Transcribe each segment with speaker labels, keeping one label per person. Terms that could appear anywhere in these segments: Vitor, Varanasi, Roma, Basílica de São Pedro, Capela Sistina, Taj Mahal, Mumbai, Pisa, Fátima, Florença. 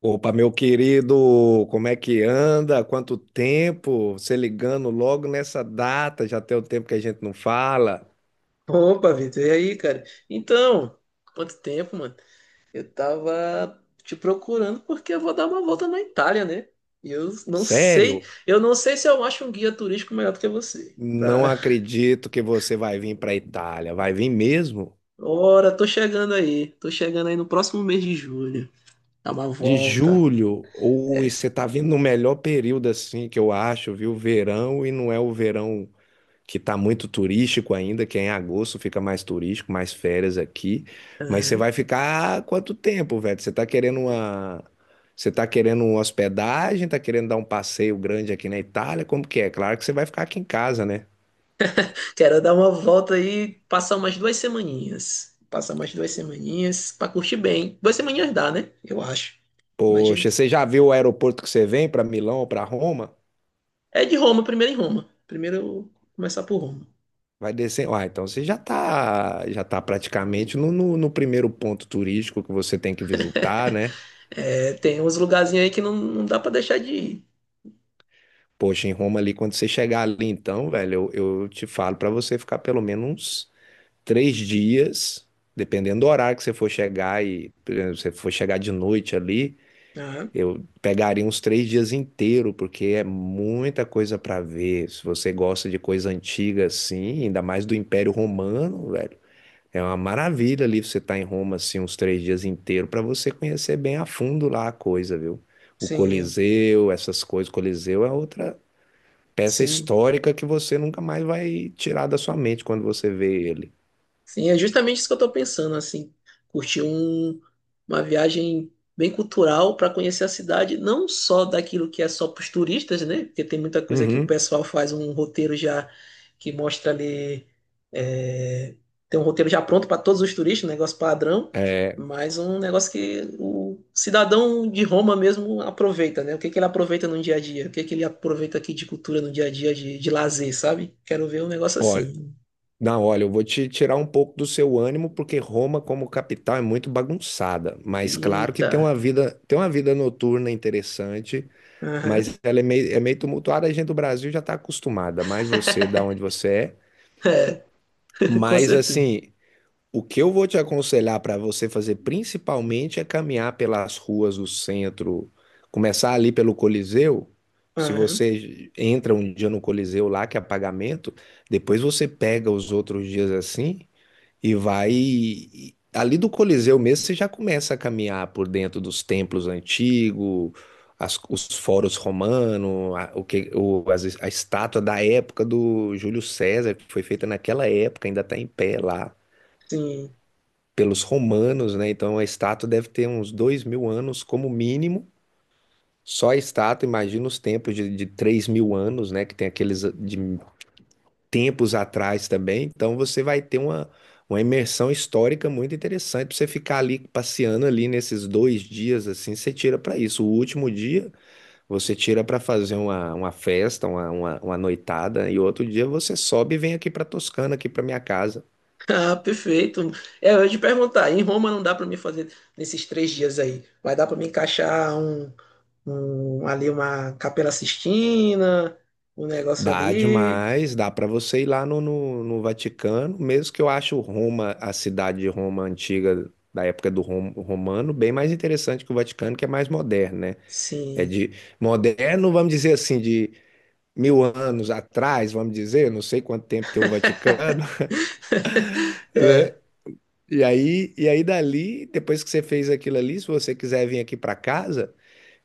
Speaker 1: Opa, meu querido, como é que anda? Quanto tempo? Você ligando logo nessa data, já tem o tempo que a gente não fala.
Speaker 2: Opa, Vitor, e aí, cara? Então, quanto tempo, mano? Eu tava te procurando porque eu vou dar uma volta na Itália, né? E eu não sei,
Speaker 1: Sério?
Speaker 2: eu não sei se eu acho um guia turístico melhor do que você.
Speaker 1: Não acredito que você vai vir para a Itália. Vai vir mesmo?
Speaker 2: Ora, tô chegando aí no próximo mês de julho. Dar uma
Speaker 1: De
Speaker 2: volta.
Speaker 1: julho? Ou
Speaker 2: É.
Speaker 1: você tá vindo no melhor período assim que eu acho, viu? Verão e não é o verão que tá muito turístico ainda, que é em agosto fica mais turístico, mais férias aqui. Mas você
Speaker 2: Aham.
Speaker 1: vai ficar quanto tempo, velho? Você tá querendo uma. Você tá querendo uma hospedagem, tá querendo dar um passeio grande aqui na Itália? Como que é? Claro que você vai ficar aqui em casa, né?
Speaker 2: Quero dar uma volta aí, passar umas 2 semaninhas. Passar umas duas semaninhas pra curtir bem. 2 semaninhas dá, né? Eu acho. Mas
Speaker 1: Poxa, você já viu o aeroporto que você vem para Milão ou para Roma?
Speaker 2: É de Roma, primeiro em Roma. Primeiro eu vou começar por Roma.
Speaker 1: Vai descer. Ah, então você já tá praticamente no primeiro ponto turístico que você tem que visitar, né?
Speaker 2: É, tem uns lugarzinhos aí que não, não dá pra deixar de ir.
Speaker 1: Poxa, em Roma ali, quando você chegar ali, então, velho, eu te falo pra você ficar pelo menos uns 3 dias, dependendo do horário que você for chegar e, por exemplo, se você for chegar de noite ali,
Speaker 2: Ah,
Speaker 1: eu pegaria uns 3 dias inteiro, porque é muita coisa pra ver. Se você gosta de coisa antiga assim, ainda mais do Império Romano, velho, é uma maravilha ali você estar em Roma assim uns 3 dias inteiro pra você conhecer bem a fundo lá a coisa, viu? O
Speaker 2: sim,
Speaker 1: Coliseu, essas coisas, Coliseu é outra peça
Speaker 2: sim.
Speaker 1: histórica que você nunca mais vai tirar da sua mente quando você vê ele.
Speaker 2: Sim, é justamente isso que eu tô pensando, assim, curtir uma viagem bem cultural para conhecer a cidade, não só daquilo que é só para os turistas, né? Porque tem muita coisa que o
Speaker 1: Uhum.
Speaker 2: pessoal faz um roteiro já que mostra ali, é, tem um roteiro já pronto para todos os turistas, um negócio padrão,
Speaker 1: É,
Speaker 2: mas um negócio que o cidadão de Roma mesmo aproveita, né? O que que ele aproveita no dia a dia? O que que ele aproveita aqui de cultura no dia a dia, de lazer, sabe? Quero ver um negócio
Speaker 1: olha,
Speaker 2: assim.
Speaker 1: não, olha, eu vou te tirar um pouco do seu ânimo, porque Roma, como capital, é muito bagunçada. Mas claro que
Speaker 2: Eita.
Speaker 1: tem uma vida noturna interessante,
Speaker 2: Aham.
Speaker 1: mas ela é meio tumultuada. A gente do Brasil já está acostumada, mais você, da onde você é.
Speaker 2: É, com
Speaker 1: Mas
Speaker 2: certeza.
Speaker 1: assim, o que eu vou te aconselhar para você fazer principalmente é caminhar pelas ruas do centro, começar ali pelo Coliseu. Se
Speaker 2: Aham.
Speaker 1: você entra um dia no Coliseu lá, que é pagamento, depois você pega os outros dias assim e vai. Ali do Coliseu mesmo, você já começa a caminhar por dentro dos templos antigos, os foros romanos, a, o que, o, as- a estátua da época do Júlio César, que foi feita naquela época, ainda está em pé lá
Speaker 2: Sim.
Speaker 1: pelos romanos, né? Então a estátua deve ter uns 2 mil anos como mínimo. Só a estátua, imagina os tempos de 3 mil anos, né? Que tem aqueles ah, de tempos atrás também. Então você vai ter uma imersão histórica muito interessante para você ficar ali passeando ali nesses 2 dias assim. Você tira para isso. O último dia você tira para fazer uma festa, uma noitada, e outro dia você sobe e vem aqui para Toscana, aqui para minha casa.
Speaker 2: Ah, perfeito. É, eu ia te perguntar, em Roma não dá para mim fazer nesses 3 dias aí. Vai dar para me encaixar ali uma Capela Sistina, um negócio
Speaker 1: Dá
Speaker 2: ali.
Speaker 1: demais, dá para você ir lá no Vaticano, mesmo que eu acho Roma, a cidade de Roma antiga, da época do romano, bem mais interessante que o Vaticano, que é mais moderno, né? É
Speaker 2: Sim.
Speaker 1: de moderno, vamos dizer assim, de mil anos atrás, vamos dizer, não sei quanto tempo tem o Vaticano, né?
Speaker 2: É,
Speaker 1: E aí dali, depois que você fez aquilo ali, se você quiser vir aqui para casa,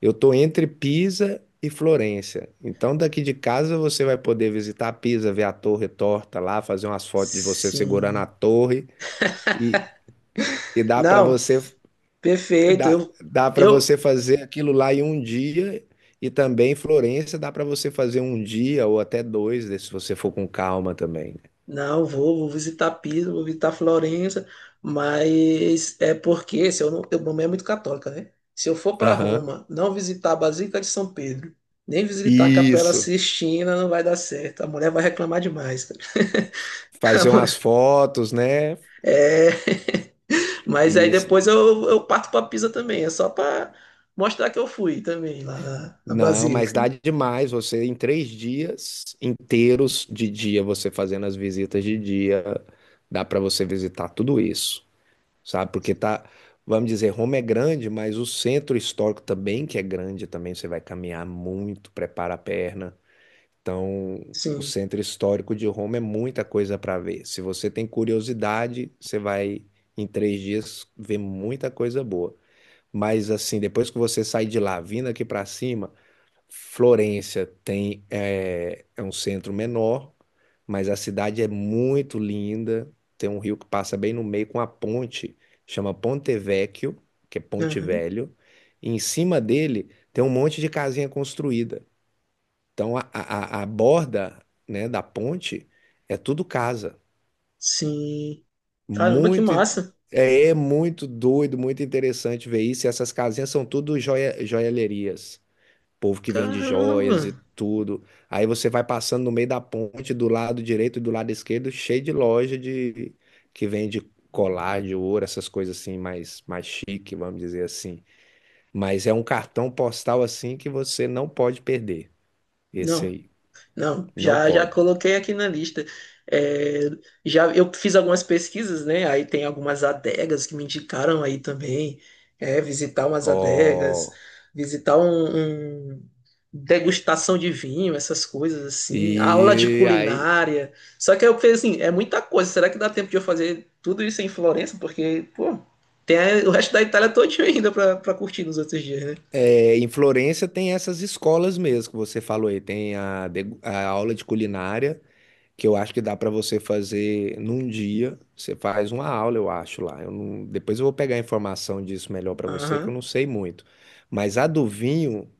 Speaker 1: eu estou entre Pisa e Florença. Então, daqui de casa você vai poder visitar Pisa, ver a torre torta lá, fazer umas fotos de você segurando a
Speaker 2: sim.
Speaker 1: torre e, e dá para
Speaker 2: Não,
Speaker 1: você
Speaker 2: perfeito.
Speaker 1: dá para
Speaker 2: Eu,
Speaker 1: você fazer aquilo lá em um dia. E também Florença dá para você fazer um dia ou até dois, né, se você for com calma também. Né?
Speaker 2: Não, vou visitar Pisa, vou visitar Florença, mas é porque se eu não, eu, minha mãe é muito católica, né? Se eu for para
Speaker 1: Aham.
Speaker 2: Roma, não visitar a Basílica de São Pedro, nem visitar a Capela
Speaker 1: Isso.
Speaker 2: Sistina, não vai dar certo. A mulher vai reclamar demais, cara.
Speaker 1: Fazer umas fotos, né?
Speaker 2: É, mas aí
Speaker 1: Isso.
Speaker 2: depois eu parto para Pisa também, é só para mostrar que eu fui também lá na
Speaker 1: Não, mas
Speaker 2: Basílica.
Speaker 1: dá demais. Você em 3 dias inteiros de dia, você fazendo as visitas de dia, dá para você visitar tudo isso, sabe? Porque tá, vamos dizer, Roma é grande, mas o centro histórico também, que é grande, também você vai caminhar muito, prepara a perna. Então, o
Speaker 2: Sim.
Speaker 1: centro histórico de Roma é muita coisa para ver. Se você tem curiosidade, você vai em 3 dias ver muita coisa boa. Mas assim, depois que você sai de lá, vindo aqui para cima Florência tem é um centro menor, mas a cidade é muito linda. Tem um rio que passa bem no meio com a ponte, chama Ponte Vecchio, que é Ponte
Speaker 2: Uhum.
Speaker 1: Velho. E em cima dele tem um monte de casinha construída. Então a borda, né, da ponte é tudo casa.
Speaker 2: Sim. Caramba, que
Speaker 1: Muito in-
Speaker 2: massa.
Speaker 1: é muito doido, muito interessante ver isso. E essas casinhas são tudo joia, joalherias povo que vende
Speaker 2: Caramba.
Speaker 1: joias e tudo. Aí você vai passando no meio da ponte, do lado direito e do lado esquerdo, cheio de loja de que vende colar de ouro, essas coisas assim mais chique, vamos dizer assim. Mas é um cartão postal assim que você não pode perder. Esse
Speaker 2: Não,
Speaker 1: aí,
Speaker 2: não,
Speaker 1: não
Speaker 2: já
Speaker 1: pode.
Speaker 2: coloquei aqui na lista. É, já eu fiz algumas pesquisas, né? Aí tem algumas adegas que me indicaram aí também. É, visitar umas adegas,
Speaker 1: Ó,
Speaker 2: visitar degustação de vinho, essas coisas assim, aula de
Speaker 1: e aí
Speaker 2: culinária. Só que eu pensei assim, é muita coisa. Será que dá tempo de eu fazer tudo isso em Florença? Porque, pô, tem o resto da Itália todinho ainda pra curtir nos outros dias, né?
Speaker 1: é, em Florença tem essas escolas mesmo que você falou aí, tem a aula de culinária que eu acho que dá para você fazer num dia. Você faz uma aula, eu acho lá. Eu não- Depois eu vou pegar a informação disso melhor para você, que eu
Speaker 2: Aham.
Speaker 1: não sei muito. Mas a do vinho,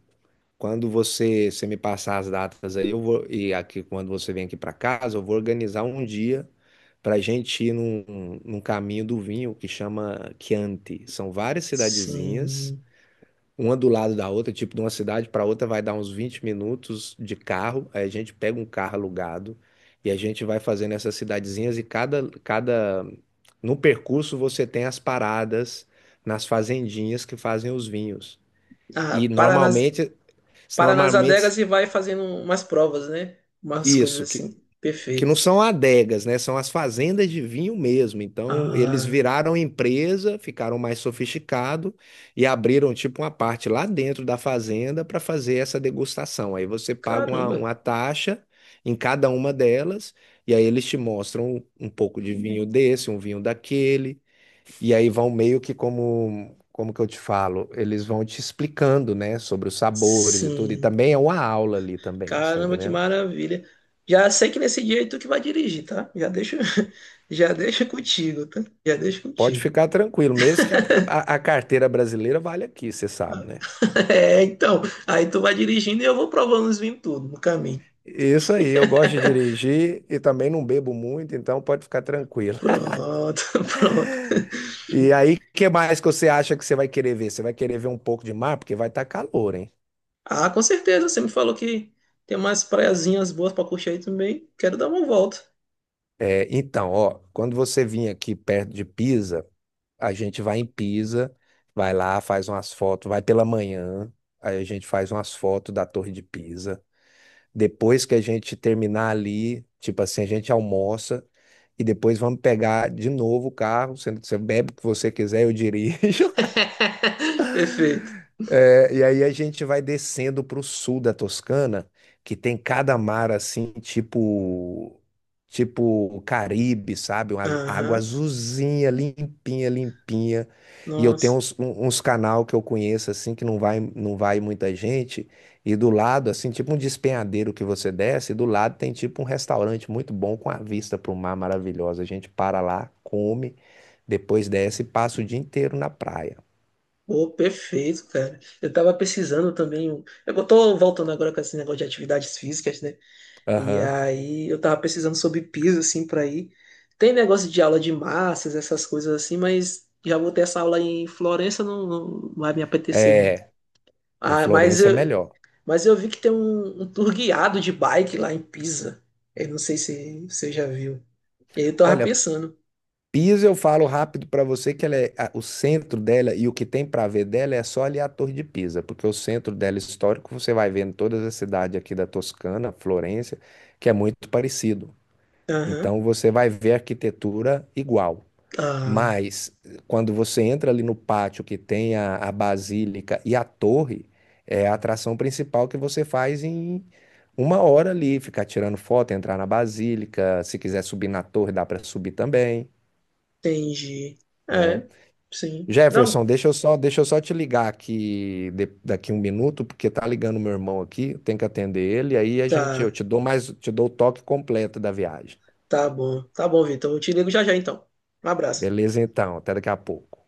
Speaker 1: quando você me passar as datas aí, eu vou e aqui quando você vem aqui para casa, eu vou organizar um dia para a gente ir num caminho do vinho que chama Chianti. São várias cidadezinhas.
Speaker 2: Sim.
Speaker 1: Uma do lado da outra, tipo, de uma cidade para outra vai dar uns 20 minutos de carro. Aí a gente pega um carro alugado e a gente vai fazendo essas cidadezinhas e cada... No percurso você tem as paradas nas fazendinhas que fazem os vinhos. E
Speaker 2: Ah,
Speaker 1: normalmente,
Speaker 2: para nas
Speaker 1: normalmente
Speaker 2: adegas e vai fazendo umas provas, né? Umas coisas
Speaker 1: isso,
Speaker 2: assim.
Speaker 1: que não
Speaker 2: Perfeito.
Speaker 1: são adegas, né? São as fazendas de vinho mesmo. Então, eles
Speaker 2: Ah,
Speaker 1: viraram empresa, ficaram mais sofisticado e abriram tipo uma parte lá dentro da fazenda para fazer essa degustação. Aí você paga uma,
Speaker 2: caramba.
Speaker 1: uma taxa em cada uma delas e aí eles te mostram um pouco de vinho desse, um vinho daquele. E aí vão meio que como que eu te falo, eles vão te explicando, né, sobre os sabores e tudo. E
Speaker 2: Sim.
Speaker 1: também é uma aula ali também, você tá
Speaker 2: Caramba, que
Speaker 1: entendendo?
Speaker 2: maravilha. Já sei que nesse dia é tu que vai dirigir, tá? Já deixa, já deixa contigo, tá? Já deixa
Speaker 1: Pode
Speaker 2: contigo.
Speaker 1: ficar tranquilo, mesmo que a carteira brasileira vale aqui, você sabe, né?
Speaker 2: É, então, aí tu vai dirigindo e eu vou provando os vinhos tudo no caminho.
Speaker 1: Isso aí, eu gosto de dirigir e também não bebo muito, então pode ficar tranquilo.
Speaker 2: Pronto, pronto.
Speaker 1: E aí, o que mais que você acha que você vai querer ver? Você vai querer ver um pouco de mar, porque vai estar calor, hein?
Speaker 2: Ah, com certeza, você me falou que tem umas praiazinhas boas pra curtir aí também. Quero dar uma volta.
Speaker 1: É, então, ó, quando você vir aqui perto de Pisa, a gente vai em Pisa, vai lá, faz umas fotos, vai pela manhã, aí a gente faz umas fotos da Torre de Pisa. Depois que a gente terminar ali, tipo assim, a gente almoça e depois vamos pegar de novo o carro. Você bebe o que você quiser, eu dirijo.
Speaker 2: Perfeito.
Speaker 1: É, e aí a gente vai descendo para o sul da Toscana, que tem cada mar assim, tipo Caribe, sabe? Uma água
Speaker 2: Aham.
Speaker 1: azulzinha, limpinha, limpinha. E eu tenho
Speaker 2: Nossa.
Speaker 1: uns canal que eu conheço assim que não vai muita gente. E do lado assim, tipo um despenhadeiro que você desce, e do lado tem tipo um restaurante muito bom com a vista para o mar maravilhosa. A gente para lá, come, depois desce e passa o dia inteiro na praia.
Speaker 2: Pô, perfeito, cara. Eu tava pesquisando também. Eu tô voltando agora com esse negócio de atividades físicas, né? E
Speaker 1: Aham.
Speaker 2: aí eu tava pesquisando sobre piso, assim, pra ir. Tem negócio de aula de massas, essas coisas assim, mas já vou ter essa aula em Florença, não, não vai me apetecer muito.
Speaker 1: É. Em
Speaker 2: Ah, mas
Speaker 1: Florença é
Speaker 2: eu,
Speaker 1: melhor.
Speaker 2: mas eu vi que tem um tour guiado de bike lá em Pisa. Eu não sei se você já viu. E aí eu tava
Speaker 1: Olha,
Speaker 2: pensando.
Speaker 1: Pisa eu falo rápido para você que ela é, o centro dela e o que tem para ver dela é só ali a Torre de Pisa, porque o centro dela histórico você vai vendo todas as cidades aqui da Toscana, Florença, que é muito parecido.
Speaker 2: Aham.
Speaker 1: Então você vai ver arquitetura igual.
Speaker 2: Ah,
Speaker 1: Mas quando você entra ali no pátio que tem a basílica e a torre, é a atração principal que você faz em uma hora ali, ficar tirando foto, entrar na basílica, se quiser subir na torre, dá para subir também,
Speaker 2: entendi.
Speaker 1: né?
Speaker 2: É, sim.
Speaker 1: Jefferson,
Speaker 2: Não,
Speaker 1: deixa eu só te ligar aqui daqui 1 minuto, porque tá ligando meu irmão aqui, eu tenho que atender ele, aí a gente, eu
Speaker 2: tá.
Speaker 1: te dou mais, te dou o toque completo da viagem.
Speaker 2: Tá bom. Tá bom, Vitor. Eu te ligo já já então. Um abraço.
Speaker 1: Beleza, então, até daqui a pouco.